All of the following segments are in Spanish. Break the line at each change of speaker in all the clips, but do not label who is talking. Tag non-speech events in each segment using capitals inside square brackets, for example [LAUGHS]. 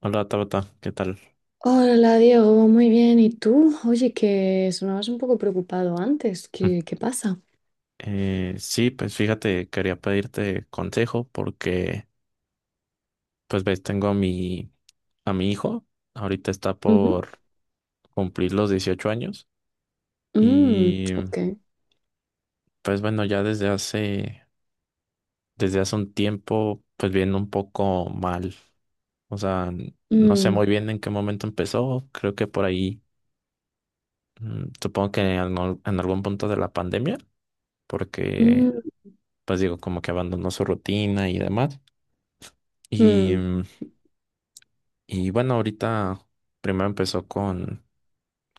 Hola Tabata, ¿qué tal?
Hola Diego, muy bien. ¿Y tú? Oye, que sonabas un poco preocupado antes.
Mm.
¿Qué pasa?
Sí, pues fíjate, quería pedirte consejo porque, pues ves, tengo a a mi hijo, ahorita está
Ujú.
por cumplir los 18 años.
Mm,
Y
ok.
pues bueno, ya desde hace un tiempo, pues viene un poco mal. O sea, no sé
Mm,
muy bien en qué momento empezó, creo que por ahí, supongo que en algún punto de la pandemia, porque,
mm,
pues digo, como que abandonó su rutina y demás. Y,
mm,
y bueno, ahorita primero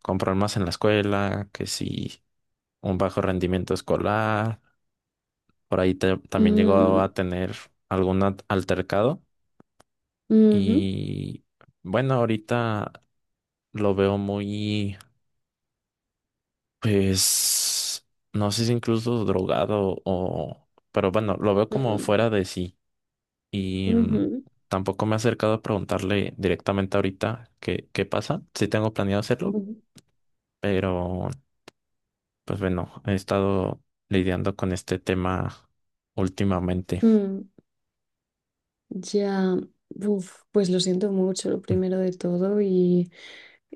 con problemas en la escuela, que sí, un bajo rendimiento escolar. Por ahí también llegó
mm,
a tener algún altercado.
ujú,
Y bueno, ahorita lo veo muy, pues, no sé si incluso drogado o, pero bueno, lo veo como
mm,
fuera de sí. Y
ujú,
tampoco me he acercado a preguntarle directamente ahorita qué pasa. Sí tengo planeado hacerlo.
ujú,
Pero, pues bueno, he estado lidiando con este tema últimamente.
mm. Ya, uf, pues lo siento mucho, lo
Mm.
primero de todo.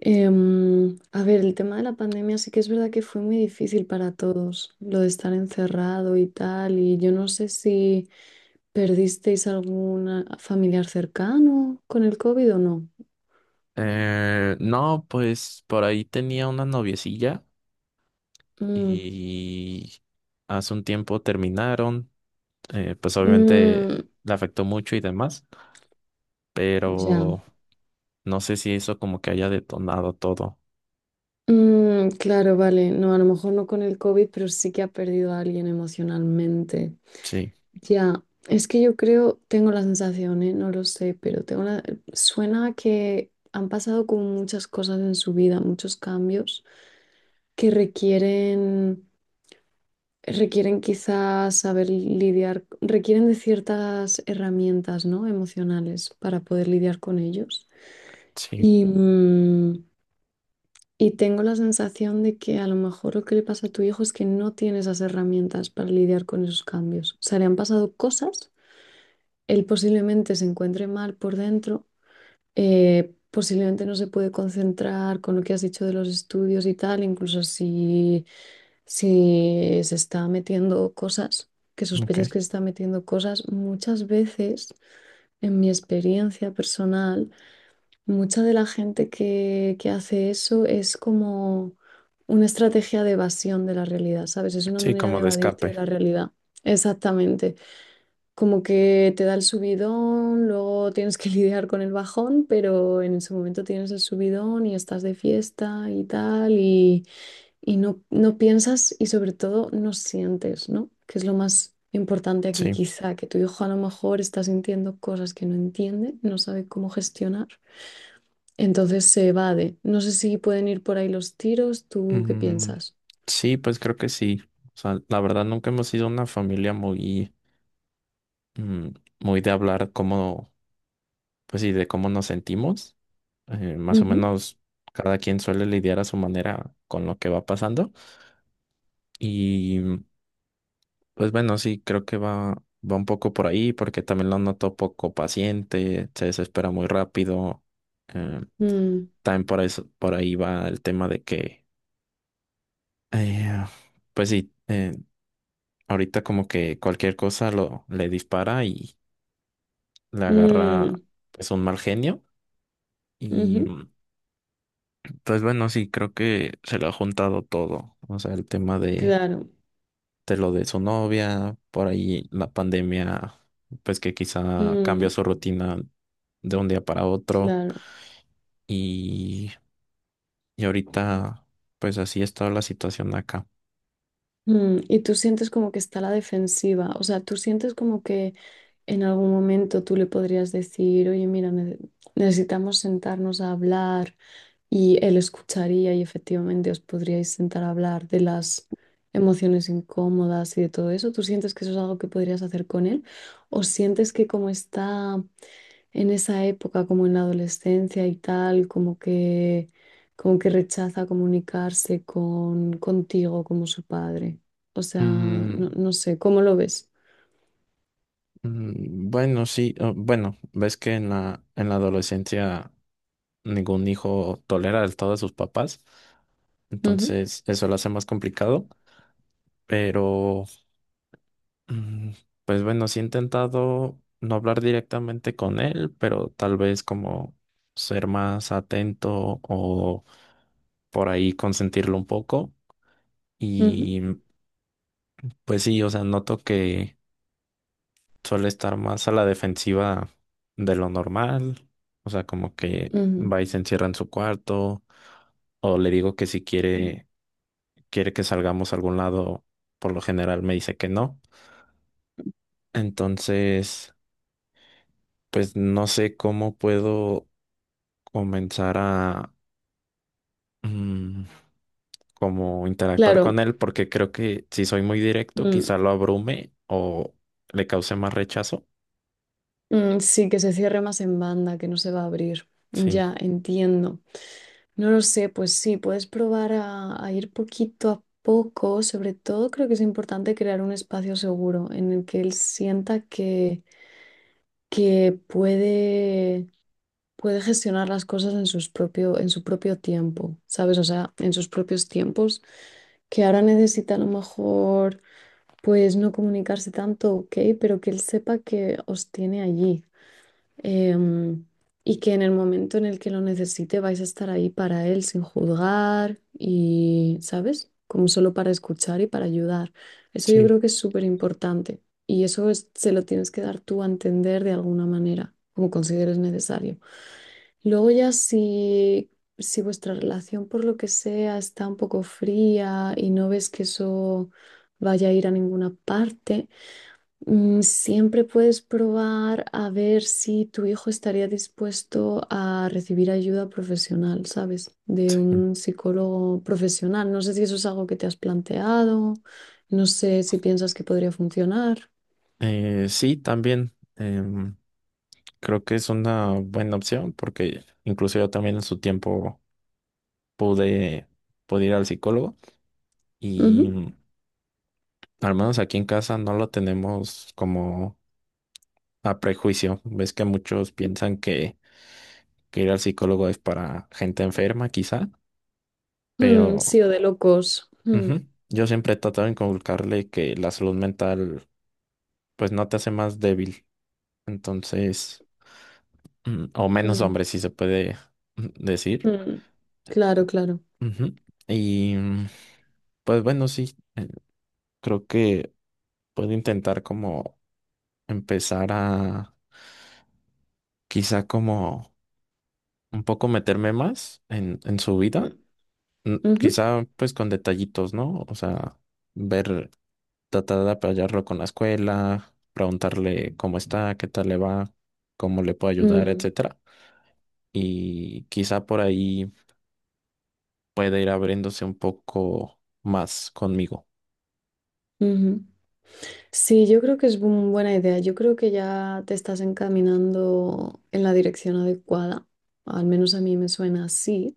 A ver, el tema de la pandemia sí que es verdad que fue muy difícil para todos, lo de estar encerrado y tal, y yo no sé si perdisteis algún familiar cercano con el COVID o no.
No, pues por ahí tenía una noviecilla
Mm,
y hace un tiempo terminaron. Pues obviamente
mm,
le afectó mucho y demás,
ya.
pero no sé si eso como que haya detonado todo.
Mm, claro, vale, no, a lo mejor no con el COVID, pero sí que ha perdido a alguien emocionalmente.
Sí,
Ya, es que yo creo, tengo la sensación, ¿eh? No lo sé, pero tengo la. Suena a que han pasado como muchas cosas en su vida, muchos cambios que requieren quizás saber lidiar, requieren de ciertas herramientas, ¿no? Emocionales para poder lidiar con ellos.
sí,
Y, mm, y tengo la sensación de que a lo mejor lo que le pasa a tu hijo es que no tiene esas herramientas para lidiar con esos cambios. O sea, le han pasado cosas. Él posiblemente se encuentre mal por dentro, posiblemente no se puede concentrar con lo que has dicho de los estudios y tal, incluso si se está metiendo cosas, que sospechas
ok.
que se está metiendo cosas, muchas veces, en mi experiencia personal, mucha de la gente que hace eso es como una estrategia de evasión de la realidad, ¿sabes? Es una
Sí,
manera
como
de
de
evadirte de
escape.
la realidad. Exactamente como que te da el subidón, luego tienes que [LAUGHS] lidiar con el bajón, pero en ese momento tienes el subidón y estás de fiesta y tal, y no, no piensas y sobre todo no sientes, ¿no? Que es lo más importante aquí
Sí.
quizá, que tu hijo a lo mejor está sintiendo cosas que no entiende, no sabe cómo gestionar, entonces se evade. No sé si pueden ir por ahí los tiros, ¿tú qué
Mm,
piensas?
sí, pues creo que sí. O sea, la verdad nunca hemos sido una familia muy mm, muy de hablar cómo, pues sí, de cómo nos sentimos. Más o
Ujú.
menos cada quien suele lidiar a su manera con lo que va pasando. Y pues bueno, sí, creo que va un poco por ahí porque también lo noto poco paciente, se desespera muy rápido. Eh,
Mm,
También por eso, por ahí va el tema de que, eh, pues sí, ahorita como que cualquier cosa le dispara y le agarra
mm,
pues un mal genio. Y
ujú,
pues bueno, sí, creo que se le ha juntado todo. O sea, el tema
claro,
de lo de su novia, por ahí la pandemia, pues que quizá cambia
mm,
su rutina de un día para otro.
claro.
Y, y ahorita, pues así está la situación acá.
Mm, y tú sientes como que está a la defensiva, o sea, tú sientes como que en algún momento tú le podrías decir, oye, mira, necesitamos sentarnos a hablar y él escucharía y efectivamente os podríais sentar a hablar de las emociones incómodas y de todo eso. ¿Tú sientes que eso es algo que podrías hacer con él? ¿O sientes que como está en esa época, como en la adolescencia y tal, como que rechaza comunicarse contigo como su padre? O sea,
Mm,
no, no sé, ¿cómo lo ves?
mm, bueno, sí, oh, bueno, ves que en en la adolescencia ningún hijo tolera del todo a sus papás.
Ujú,
Entonces, eso lo hace más complicado. Pero. Mm. Pues bueno, sí he intentado no hablar directamente con él, pero tal vez como ser más atento o por ahí consentirlo un poco. Y pues sí, o sea, noto que suele estar más a la defensiva de lo normal. O sea, como que
ujú, ujú.
va y se encierra en su cuarto, o le digo que si quiere que salgamos a algún lado, por lo general me dice que no. Entonces, pues no sé cómo puedo comenzar a mm, como interactuar con
Claro,
él, porque creo que si soy muy directo,
mm,
quizá lo abrume o le cause más rechazo.
mm, sí, que se cierre más en banda, que no se va a abrir.
Sí,
Ya, entiendo. No lo sé, pues sí, puedes probar a ir poquito a poco. Sobre todo creo que es importante crear un espacio seguro en el que él sienta que puede gestionar las cosas en en su propio tiempo, ¿sabes? O sea, en sus propios tiempos, que ahora necesita a lo mejor, pues no comunicarse tanto, ok, pero que él sepa que os tiene allí, em, y que en el momento en el que lo necesite vais a estar ahí para él sin juzgar y, ¿sabes? Como solo para escuchar y para ayudar. Eso yo
sí,
creo que es súper importante y eso es- se lo tienes que dar tú a entender de alguna manera, como consideres necesario. Luego ya si, si vuestra relación por lo que sea está un poco fría y no ves que eso vaya a ir a ninguna parte, mm, siempre puedes probar a ver si tu hijo estaría dispuesto a recibir ayuda profesional, ¿sabes? De
sí.
un psicólogo profesional. No sé si eso es algo que te has planteado, no sé si piensas que podría funcionar.
Sí, también creo que es una buena opción, porque incluso yo también en su tiempo pude, pude ir al psicólogo. Y
Ujú.
al menos aquí en casa no lo tenemos como a prejuicio. Ves que muchos piensan que ir al psicólogo es para gente enferma, quizá.
Mm,
Pero
sí, o de locos. Mm,
ujú, yo siempre he tratado de inculcarle que la salud mental pues no te hace más débil. Entonces, o menos
mm,
hombre, si se puede decir.
mm. Claro, claro.
Ujú. Y pues bueno, sí, creo que puedo intentar como empezar a quizá como un poco meterme más en su vida.
Mm,
Mm,
ujú,
quizá pues con detallitos, ¿no? O sea, ver, tratar de apoyarlo con la escuela, preguntarle cómo está, qué tal le va, cómo le puedo ayudar,
mm,
etcétera. Y quizá por ahí pueda ir abriéndose un poco más conmigo.
ujú. Sí, yo creo que es una buena idea. Yo creo que ya te estás encaminando en la dirección adecuada. Al menos a mí me suena así.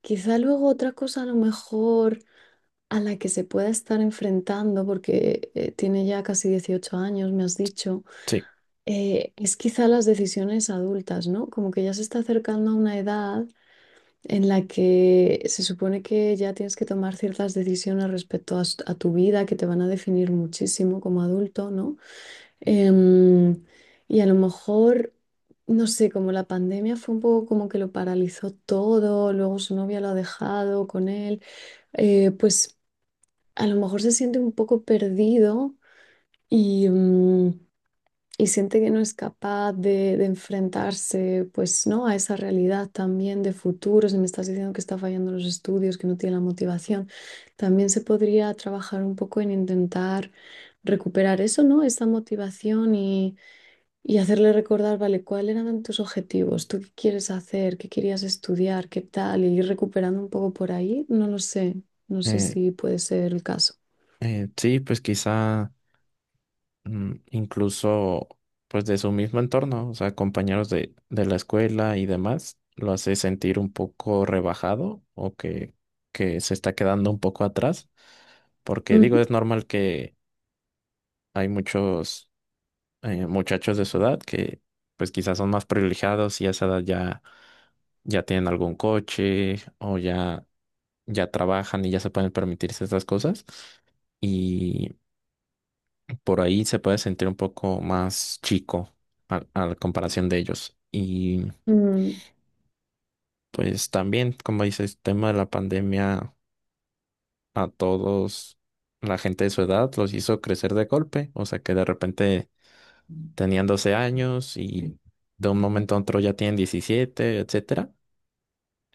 Quizá luego otra cosa a lo mejor a la que se pueda estar enfrentando, porque tiene ya casi 18 años, me has dicho,
Sí,
es quizá las decisiones adultas, ¿no? Como que ya se está acercando a una edad en la que se supone que ya tienes que tomar ciertas decisiones respecto a s- a tu vida que te van a definir muchísimo como adulto, ¿no? Em, y a lo mejor, no sé, como la pandemia fue un poco como que lo paralizó todo, luego su novia lo ha dejado con él, pues a lo mejor se siente un poco perdido y, mm, y siente que no es capaz de enfrentarse, pues, ¿no? A esa realidad también de futuro, si me estás diciendo que está fallando los estudios, que no tiene la motivación, también se podría trabajar un poco en intentar recuperar eso, ¿no? Esa motivación y hacerle recordar, vale, ¿cuáles eran tus objetivos? ¿Tú qué quieres hacer? ¿Qué querías estudiar? ¿Qué tal? Y ir recuperando un poco por ahí, no lo sé. No sé
eh,
si puede ser el caso.
sí, pues quizá incluso pues de su mismo entorno, o sea, compañeros de la escuela y demás, lo hace sentir un poco rebajado o que se está quedando un poco atrás, porque digo,
Ujú.
es normal que hay muchos muchachos de su edad que pues quizás son más privilegiados y a esa edad ya tienen algún coche o ya trabajan y ya se pueden permitirse estas cosas. Y por ahí se puede sentir un poco más chico a la comparación de ellos. Y
Mm,
pues también, como dices, el tema de la pandemia a todos, la gente de su edad los hizo crecer de golpe. O sea que de repente tenían 12 años y de un momento a otro ya tienen 17, etcétera.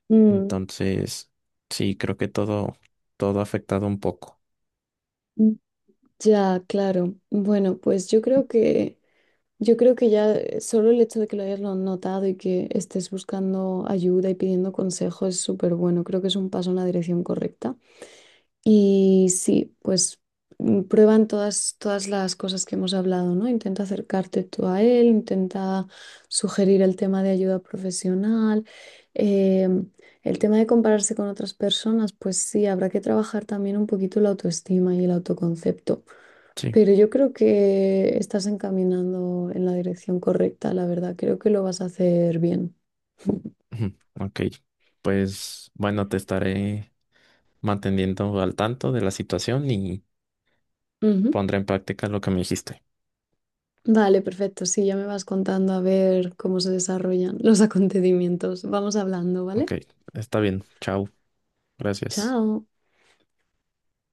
mm,
Entonces, sí, creo que todo ha afectado un poco.
mm. Ya, claro. Bueno, pues yo creo que ya solo el hecho de que lo hayas notado y que estés buscando ayuda y pidiendo consejo es súper bueno. Creo que es un paso en la dirección correcta. Y sí, pues mm, prueban todas las cosas que hemos hablado, ¿no? Intenta acercarte tú a él, intenta sugerir el tema de ayuda profesional. eh, el tema de compararse con otras personas, pues sí, habrá que trabajar también un poquito la autoestima y el autoconcepto.
Sí.
Pero yo creo que estás encaminando en la dirección correcta, la verdad. Creo que lo vas a hacer bien.
Ujú. Ok. Pues bueno, te estaré manteniendo al tanto de la situación y
Ujú.
pondré en práctica lo que me dijiste.
Vale, perfecto. Sí, ya me vas contando a ver cómo se desarrollan los [LAUGHS] acontecimientos. Vamos hablando,
Ok,
¿vale?
está bien. Chao. Gracias.
Chao.